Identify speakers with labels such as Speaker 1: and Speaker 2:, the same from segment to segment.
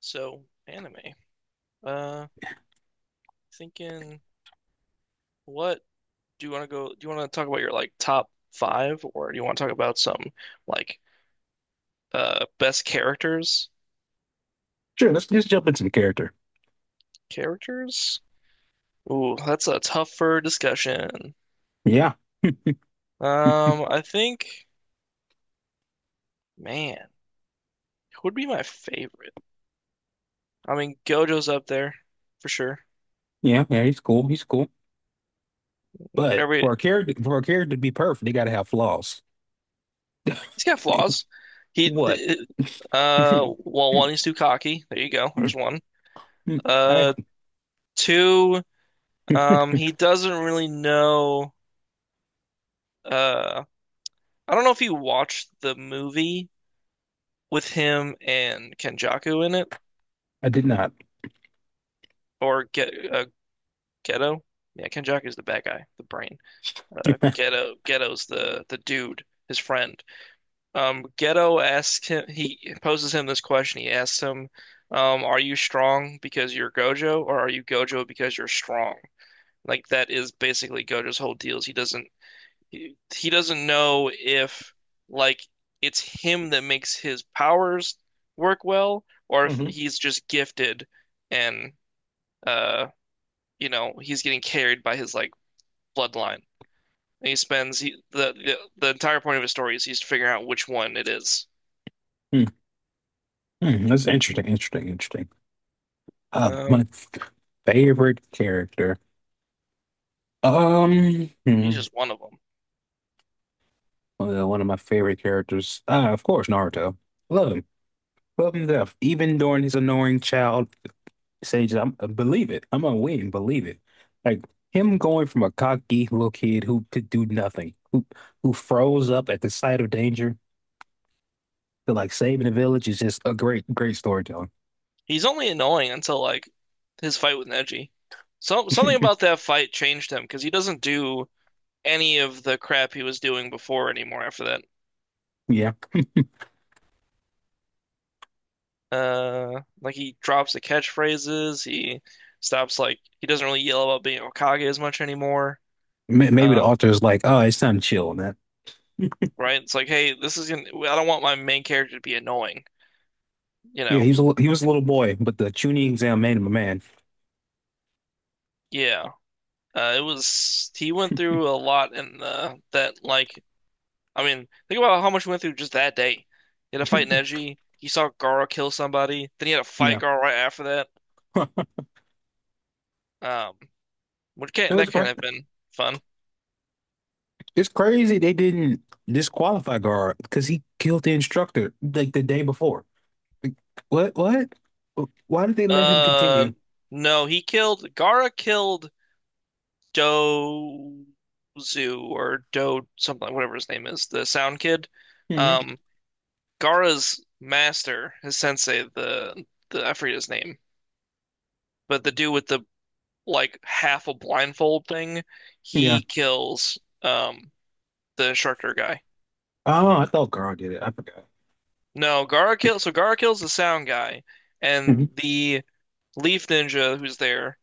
Speaker 1: So anime. Uh, Thinking what do you want to go? Do you want to talk about your top five, or do you want to talk about some like best characters?
Speaker 2: Sure, let's just jump into the character.
Speaker 1: Characters? Ooh, that's a tougher discussion.
Speaker 2: Yeah,
Speaker 1: I think, man, who would be my favorite? I mean, Gojo's up there for sure.
Speaker 2: yeah, yeah. He's cool. He's cool. But
Speaker 1: Every
Speaker 2: for a character to be perfect, they gotta have flaws.
Speaker 1: He's got flaws. He,
Speaker 2: What?
Speaker 1: uh,
Speaker 2: I
Speaker 1: well, one, he's too cocky. There you go. There's one. Uh, Two. He doesn't really know. Uh, I don't know if you watched the movie with him and Kenjaku in it,
Speaker 2: I did not.
Speaker 1: or get Geto. Yeah, Kenjaku's the bad guy, the brain. Geto's the dude, his friend. Geto asks him. He poses him this question. He asks him, "Are you strong because you're Gojo, or are you Gojo because you're strong?" Like that is basically Gojo's whole deal. Is He doesn't he doesn't know if like it's him that makes his powers work well, or
Speaker 2: Mhm.
Speaker 1: if he's just gifted and uh you know he's getting carried by his bloodline. And he spends he, the entire point of his story is he's figuring out which one it is.
Speaker 2: Mm, That's interesting. Interesting. Interesting. My
Speaker 1: Um,
Speaker 2: favorite character. Um, hmm,
Speaker 1: he's just one of them.
Speaker 2: well, one of my favorite characters. Of course, Naruto. Love him. Love him to death. Even during his annoying child Sage, I'm believe it. I'm gonna win. Believe it. Like him going from a cocky little kid who could do nothing, who froze up at the sight of danger to like saving the village is just a great, great storytelling.
Speaker 1: He's only annoying until his fight with Neji. So something about that fight changed him, because he doesn't do any of the crap he was doing before anymore after that.
Speaker 2: Yeah.
Speaker 1: Like, he drops the catchphrases. He stops like he doesn't really yell about being Hokage as much anymore.
Speaker 2: May-
Speaker 1: Uh,
Speaker 2: maybe the author is like, oh, it's time to chill on that.
Speaker 1: right? It's like, hey, this is gonna. I don't want my main character to be annoying. You
Speaker 2: Yeah,
Speaker 1: know?
Speaker 2: he was a little boy, but the tuning exam made him a man.
Speaker 1: Yeah. It was he went through a lot in the that like, I mean, think about how much he went through just that day. He had to fight Neji. He saw Gaara kill somebody. Then he had to fight
Speaker 2: Yeah.
Speaker 1: Gaara right after that.
Speaker 2: Huh.
Speaker 1: Um, which
Speaker 2: It
Speaker 1: can
Speaker 2: was
Speaker 1: that can't
Speaker 2: cra
Speaker 1: have been fun.
Speaker 2: It's crazy they didn't disqualify Gar because he killed the instructor like the day before. Like, what? What? Why did they let him
Speaker 1: Uh,
Speaker 2: continue?
Speaker 1: no, he killed Gaara killed. Do Do something, whatever his name is, the Sound Kid.
Speaker 2: hmm
Speaker 1: Um, Gaara's master, his sensei, the I forget his name, but the dude with the like half a blindfold thing,
Speaker 2: Yeah.
Speaker 1: he kills um the instructor guy.
Speaker 2: Oh, I thought Carl did it. I forgot.
Speaker 1: No, Gaara kills the Sound guy, and
Speaker 2: hmm
Speaker 1: the Leaf Ninja who's there,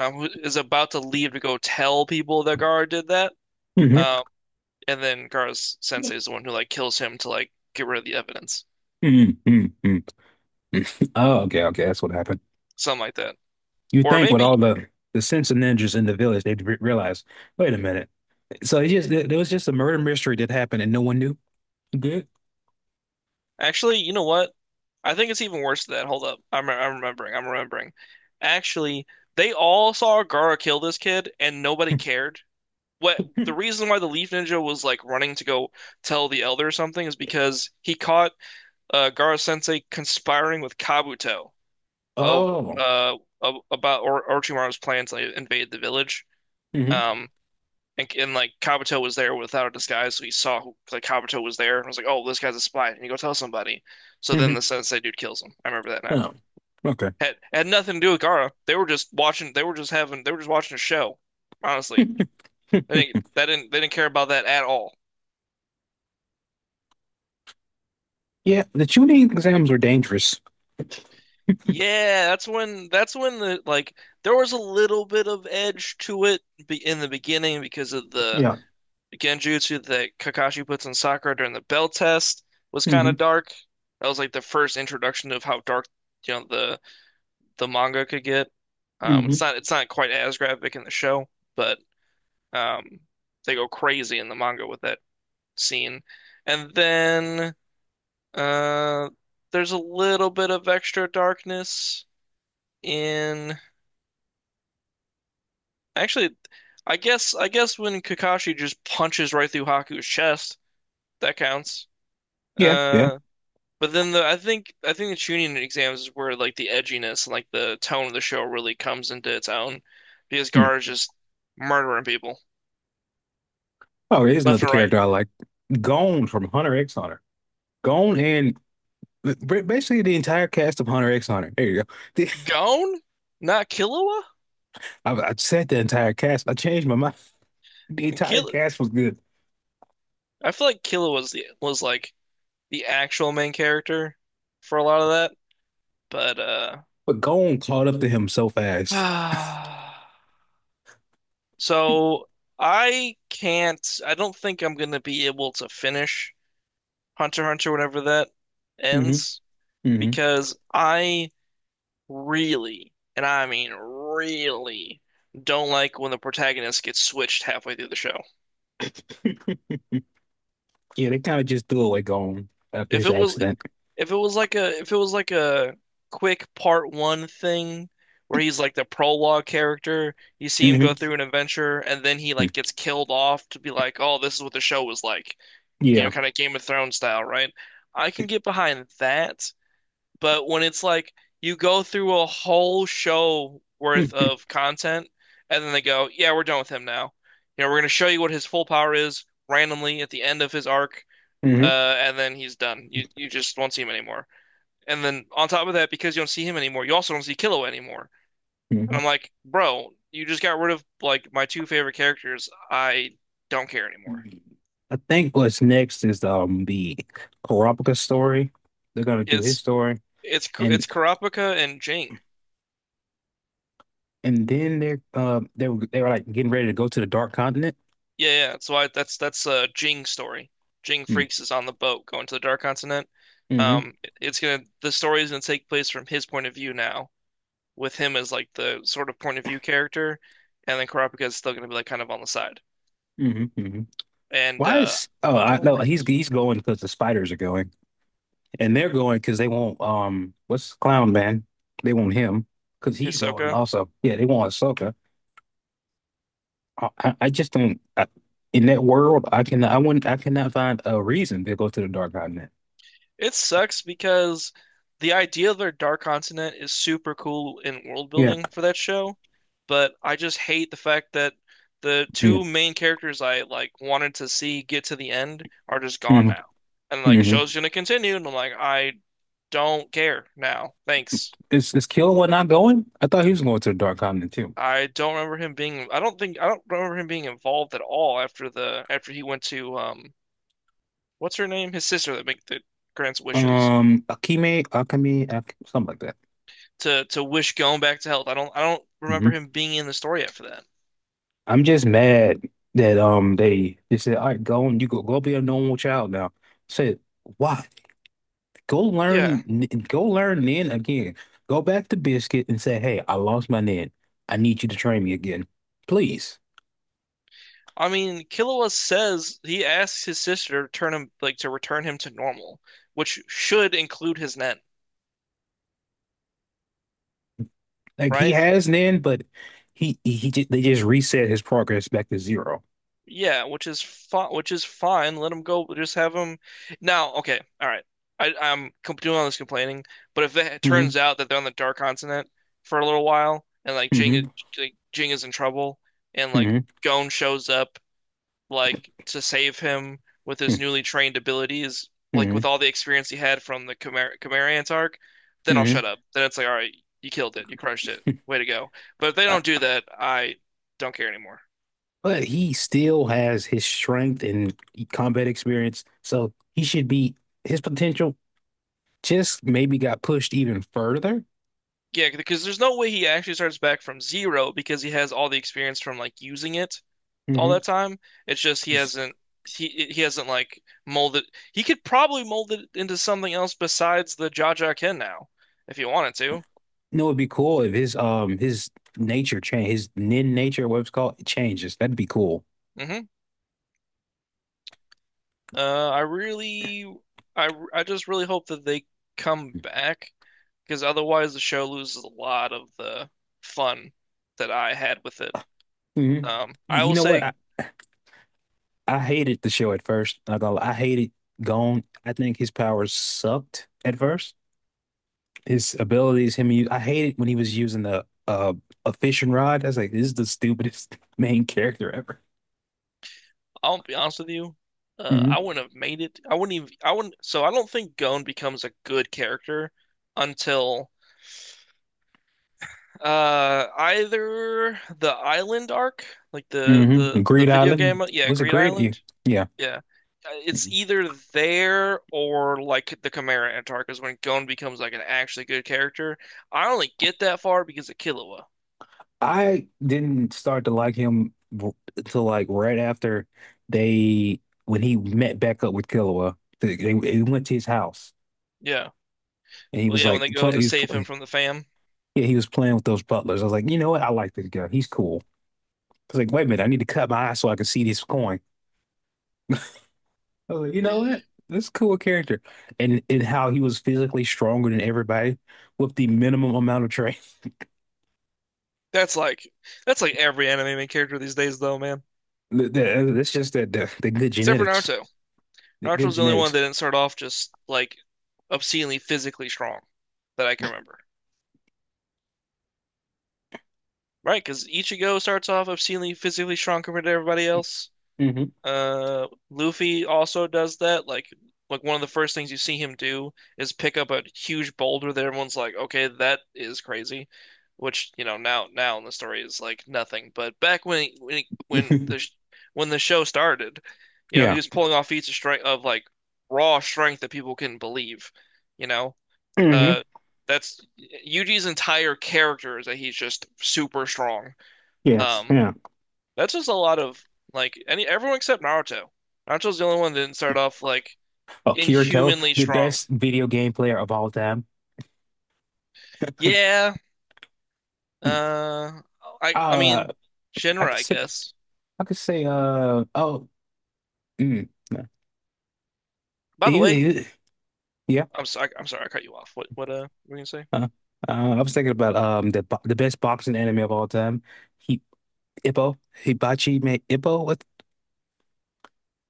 Speaker 1: who is about to leave to go tell people that Gaara did that.
Speaker 2: hmm
Speaker 1: Um, and then Gaara's sensei is the one who like kills him to like get rid of the evidence,
Speaker 2: hmm hmm Oh, okay, okay. That's what happened.
Speaker 1: something like that.
Speaker 2: You
Speaker 1: Or
Speaker 2: think with
Speaker 1: maybe
Speaker 2: all the sense of ninjas in the village, they'd re realize, wait a minute. So it just there was just a murder mystery that happened and no one knew. Good.
Speaker 1: actually, you know what? I think it's even worse than that. Hold up, I'm remembering. I'm remembering. Actually, they all saw Gaara kill this kid, and nobody cared. What The reason why the Leaf Ninja was like running to go tell the Elder or something is because he caught Gaara Sensei conspiring with Kabuto of
Speaker 2: Oh.
Speaker 1: of, about or Orochimaru's plan to invade the village.
Speaker 2: hmm
Speaker 1: Um, and, like Kabuto was there without a disguise, so he saw like Kabuto was there and was like, "Oh, this guy's a spy," and you go tell somebody. So then
Speaker 2: hmm
Speaker 1: the sensei dude kills him. I remember that now.
Speaker 2: Oh. Okay.
Speaker 1: Had nothing to do with Gara. They were just watching. They were just having. They were just watching a show. Honestly, I think that didn't. They didn't care about that at all.
Speaker 2: Yeah, the tuning exams were dangerous.
Speaker 1: Yeah, That's when the like there was a little bit of edge to it in the beginning, because of the
Speaker 2: Yeah.
Speaker 1: genjutsu that Kakashi puts on Sakura during the bell test was kind of
Speaker 2: hmm
Speaker 1: dark. That was like the first introduction of how dark, you know, the manga could get.
Speaker 2: hmm
Speaker 1: It's not quite as graphic in the show, but um, they go crazy in the manga with that scene. And then uh, there's a little bit of extra darkness in actually, I guess when Kakashi just punches right through Haku's chest, that counts.
Speaker 2: Yeah. Yeah.
Speaker 1: Uh, But then the I think, I think the tuning exams is where like the edginess and like the tone of the show really comes into its own, because
Speaker 2: Hmm.
Speaker 1: Gar is just murdering people
Speaker 2: Oh, here's
Speaker 1: left
Speaker 2: another
Speaker 1: and right.
Speaker 2: character I like. Gone from Hunter X Hunter. Gone and Basically, the entire cast of Hunter X Hunter. There you go.
Speaker 1: Gone? Not Killua?
Speaker 2: I said the entire cast. I changed my mind. The entire
Speaker 1: Kill
Speaker 2: cast was good,
Speaker 1: I feel like Killua was the was like the actual main character for a lot of that, but
Speaker 2: but Gon caught up to him so fast.
Speaker 1: uh so I can't, I don't think I'm gonna be able to finish Hunter x Hunter whenever that
Speaker 2: hmm
Speaker 1: ends,
Speaker 2: hmm
Speaker 1: because I really, and I mean really, don't like when the protagonist gets switched halfway through the show.
Speaker 2: Yeah, they kind of just threw away Gon after
Speaker 1: If
Speaker 2: his
Speaker 1: it was
Speaker 2: accident.
Speaker 1: if it was like a if it was like a quick part one thing where he's like the prologue character, you see him go
Speaker 2: hmm
Speaker 1: through an adventure and then he like gets killed off to be like, "Oh, this is what the show was like." You know,
Speaker 2: Yeah.
Speaker 1: kind of Game of Thrones style, right? I can get behind that. But when it's like you go through a whole show worth
Speaker 2: hmm
Speaker 1: of content and then they go, yeah, we're done with him now. You know, we're going to show you what his full power is randomly at the end of his arc, uh, and then he's done. You just won't see him anymore. And then on top of that, because you don't see him anymore, you also don't see Killua anymore. And
Speaker 2: hmm
Speaker 1: I'm like, bro, you just got rid of like my two favorite characters. I don't care anymore.
Speaker 2: I think what's next is the Kurapika story. They're gonna do his
Speaker 1: It's
Speaker 2: story,
Speaker 1: it's
Speaker 2: and
Speaker 1: it's Kurapika and Jing.
Speaker 2: and then they were like getting ready to go to the Dark Continent.
Speaker 1: Yeah, yeah. That's why that's Jing story. Jing
Speaker 2: Mm-hmm.
Speaker 1: Freaks is on the boat going to the Dark Continent.
Speaker 2: hmm
Speaker 1: It's gonna the story is gonna take place from his point of view now, with him as like the sort of point of view character, and then Kurapika is still gonna be like kind of on the side.
Speaker 2: hmm hmm
Speaker 1: And
Speaker 2: Why is oh I
Speaker 1: don't
Speaker 2: no
Speaker 1: like
Speaker 2: he's
Speaker 1: it.
Speaker 2: he's going because the spiders are going, and they're going because they want, what's Clown Man, they want him because he's going
Speaker 1: Hisoka.
Speaker 2: also, yeah, they want Ahsoka. I just don't. In that world, I cannot find a reason to go to the Dark Continent.
Speaker 1: It sucks because the idea of their Dark Continent is super cool in world
Speaker 2: Yeah.
Speaker 1: building for that show, but I just hate the fact that the two main characters I like wanted to see get to the end are just gone
Speaker 2: Mm-hmm.
Speaker 1: now. And like
Speaker 2: hmm
Speaker 1: show's gonna continue, and I'm like, I don't care now. Thanks.
Speaker 2: is Killua not going? I thought he was going to the Dark Continent too.
Speaker 1: I don't remember him being I don't remember him being involved at all after the after he went to what's her name? His sister that make that grants wishes.
Speaker 2: Akime, Akame, Ak something like that.
Speaker 1: To Wish going back to health. I don't remember
Speaker 2: Mm-hmm.
Speaker 1: him being in the story after that.
Speaker 2: I'm just mad that they said, all right, go, and you go be a normal child now. Said, why? Go learn
Speaker 1: Yeah.
Speaker 2: n- Go learn Nin again. Go back to Biscuit and say, hey, I lost my Nin. I need you to train me again. Please.
Speaker 1: I mean, Killua says he asks his sister to turn him, like to return him to normal, which should include his net,
Speaker 2: Like he
Speaker 1: right?
Speaker 2: has Nin, but they just reset his progress back to zero.
Speaker 1: Yeah, which is fine. Which is fine. Let him go. Just have him. Now, okay, all right. I'm doing all this complaining, but if it
Speaker 2: hmm
Speaker 1: turns out that they're on the Dark Continent for a little while, and
Speaker 2: hmm
Speaker 1: like Jing is in trouble, and like
Speaker 2: hmm
Speaker 1: Gon shows up like to save him with his newly trained abilities, like with
Speaker 2: hmm
Speaker 1: all the experience he had from the Chimera Chimerians arc, then I'll shut
Speaker 2: hmm
Speaker 1: up. Then it's like, all right, you killed it, you crushed it, way to go. But if they
Speaker 2: Uh,
Speaker 1: don't do that, I don't care anymore.
Speaker 2: But he still has his strength and combat experience, so he should be his potential just maybe got pushed even further.
Speaker 1: Yeah, because there's no way he actually starts back from zero, because he has all the experience from like using it all
Speaker 2: Mhm.
Speaker 1: that time. It's just he
Speaker 2: You
Speaker 1: hasn't he hasn't like molded. He could probably mold it into something else besides the Jaja Ken now if he wanted to.
Speaker 2: know, it'd be cool if his nature change his nin nature, what it's called, it changes. That'd be cool.
Speaker 1: Hmm I really, I just really hope that they come back, because otherwise the show loses a lot of the fun that I had with it.
Speaker 2: Mhm.
Speaker 1: I
Speaker 2: You
Speaker 1: will
Speaker 2: know what?
Speaker 1: say,
Speaker 2: I hated the show at first. Not I hated Gon. I think his powers sucked at first. His abilities, him, I hated when he was using the a fishing rod. I was like, this is the stupidest main character ever.
Speaker 1: I'll be honest with you,
Speaker 2: Mhm.
Speaker 1: I wouldn't have made it. I wouldn't even, I wouldn't, so I don't think Gon becomes a good character until either the island arc, like the
Speaker 2: Mm-hmm.
Speaker 1: the the
Speaker 2: Greed
Speaker 1: video
Speaker 2: Island.
Speaker 1: game, yeah,
Speaker 2: Was it
Speaker 1: Greed
Speaker 2: Greed?
Speaker 1: Island,
Speaker 2: Yeah.
Speaker 1: Yeah.
Speaker 2: Yeah.
Speaker 1: It's either there or like the Chimera Antarctica. When Gon becomes like an actually good character. I only get that far because of Killua.
Speaker 2: I didn't start to like him till like right after they when he met back up with Killua. They went to his house
Speaker 1: Yeah.
Speaker 2: and he
Speaker 1: Well,
Speaker 2: was
Speaker 1: yeah, when
Speaker 2: like
Speaker 1: they go
Speaker 2: play,
Speaker 1: to
Speaker 2: he was
Speaker 1: save him
Speaker 2: play,
Speaker 1: from the fam.
Speaker 2: yeah, he was playing with those butlers. I was like, you know what? I like this guy. He's cool. I was like, wait a minute, I need to cut my eyes so I can see this coin. I was like, you know what?
Speaker 1: Eh,
Speaker 2: This is a cool character, and how he was physically stronger than everybody with the minimum amount of training.
Speaker 1: that's like every anime main character these days though, man.
Speaker 2: That's just that the good
Speaker 1: Except for
Speaker 2: genetics,
Speaker 1: Naruto.
Speaker 2: the good
Speaker 1: Naruto's the only one
Speaker 2: genetics.
Speaker 1: that didn't start off just like obscenely physically strong that I can remember. Right? Because Ichigo starts off obscenely physically strong compared to everybody else.
Speaker 2: hmm
Speaker 1: Luffy also does that. Like one of the first things you see him do is pick up a huge boulder that everyone's like, "Okay, that is crazy," which you know now in the story is like nothing. But back when he- when he- when the sh- when the show started, you know, he
Speaker 2: Yeah.
Speaker 1: was pulling off feats of strength of like raw strength that people couldn't believe. You know,
Speaker 2: Mhm.
Speaker 1: uh, that's Yuji's entire character, is that he's just super strong.
Speaker 2: Yes,
Speaker 1: Um,
Speaker 2: yeah.
Speaker 1: that's just a lot of like any everyone except Naruto. Naruto's the only one that didn't start off like
Speaker 2: Oh, Kirito,
Speaker 1: inhumanly
Speaker 2: the
Speaker 1: strong.
Speaker 2: best video game player of all time.
Speaker 1: Yeah,
Speaker 2: Hmm.
Speaker 1: uh, I
Speaker 2: Uh,
Speaker 1: mean,
Speaker 2: I
Speaker 1: Shinra,
Speaker 2: could
Speaker 1: I
Speaker 2: say,
Speaker 1: guess.
Speaker 2: I could say, oh, no.
Speaker 1: By the
Speaker 2: You-
Speaker 1: way,
Speaker 2: you- yeah.
Speaker 1: I'm sorry, I cut you off. What were you gonna say?
Speaker 2: Uh, I was thinking about the the best boxing anime of all time. He Ippo. Hibachi made Ippo. What?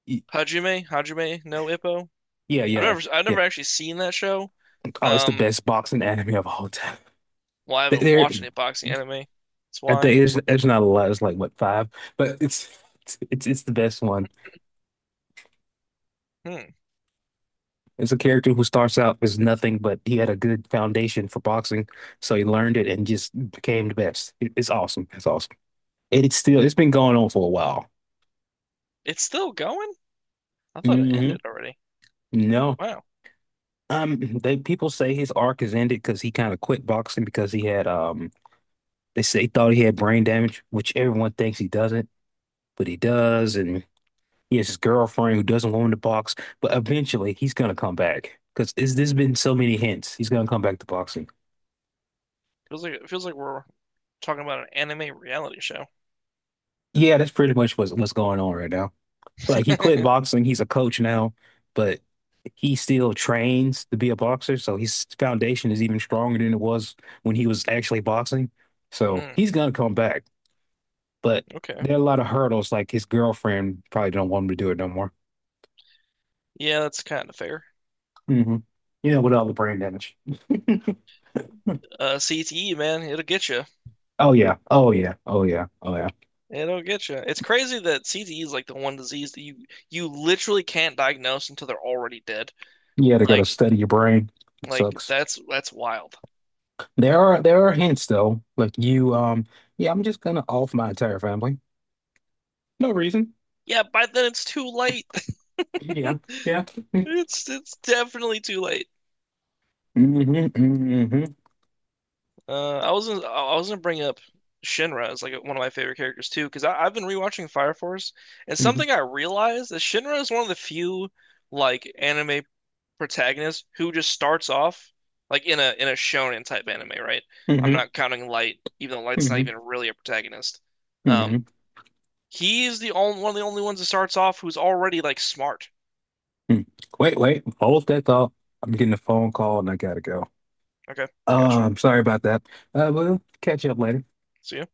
Speaker 2: y-
Speaker 1: Hajime no Ippo.
Speaker 2: Yeah, yeah,
Speaker 1: I've
Speaker 2: yeah.
Speaker 1: never actually seen that show.
Speaker 2: Oh, it's the
Speaker 1: Um,
Speaker 2: best boxing anime of all time.
Speaker 1: well, I
Speaker 2: There,
Speaker 1: haven't
Speaker 2: there-
Speaker 1: watched any boxing anime. That's
Speaker 2: I
Speaker 1: why.
Speaker 2: think it's not a lot. It's like what, five, but it's the best one.
Speaker 1: Hmm,
Speaker 2: It's a character who starts out as nothing, but he had a good foundation for boxing, so he learned it and just became the best. It's awesome. It's awesome. And it's been going on for a while.
Speaker 1: it's still going? I thought it
Speaker 2: hmm
Speaker 1: ended already.
Speaker 2: No.
Speaker 1: Wow,
Speaker 2: They people say his arc is ended because he kind of quit boxing because he had they say he thought he had brain damage, which everyone thinks he doesn't, but he does, and he has his girlfriend who doesn't want him to box, but eventually he's gonna come back because there's been so many hints he's gonna come back to boxing.
Speaker 1: feels like we're talking about an anime reality show.
Speaker 2: Yeah, that's pretty much what's going on right now. Like he quit boxing. He's a coach now, but he still trains to be a boxer. So his foundation is even stronger than it was when he was actually boxing. So
Speaker 1: Hmm.
Speaker 2: he's gonna come back, but
Speaker 1: Okay.
Speaker 2: there are a lot of hurdles. Like his girlfriend probably don't want him to do it no more.
Speaker 1: Yeah, that's kind of fair.
Speaker 2: hmm You know, with all the brain damage.
Speaker 1: CTE, man, it'll get you.
Speaker 2: Oh yeah. Oh yeah. Oh yeah. Oh yeah.
Speaker 1: It'll get you. It's crazy that CTE is like the one disease that you literally can't diagnose until they're already dead.
Speaker 2: You had to go to
Speaker 1: Like,
Speaker 2: study your brain. It sucks.
Speaker 1: that's wild.
Speaker 2: There are hints though. Like, you yeah, I'm just gonna off my entire family. No reason.
Speaker 1: Yeah, by then it's too late.
Speaker 2: Yeah, yeah.
Speaker 1: It's definitely too late.
Speaker 2: Mm-hmm.
Speaker 1: I wasn't I was gonna bring up Shinra as like one of my favorite characters too, because I've been rewatching Fire Force, and something
Speaker 2: Hmm
Speaker 1: I realized is Shinra is one of the few like anime protagonist who just starts off like in a shonen type anime, right? I'm not counting Light, even though Light's not even really a protagonist. Um,
Speaker 2: hmm
Speaker 1: he's the only ones that starts off who's already like smart.
Speaker 2: hmm Wait, wait, hold that thought. I'm getting a phone call and I gotta go.
Speaker 1: Okay, gotcha.
Speaker 2: I'm sorry about that. We'll catch you up later.
Speaker 1: See ya.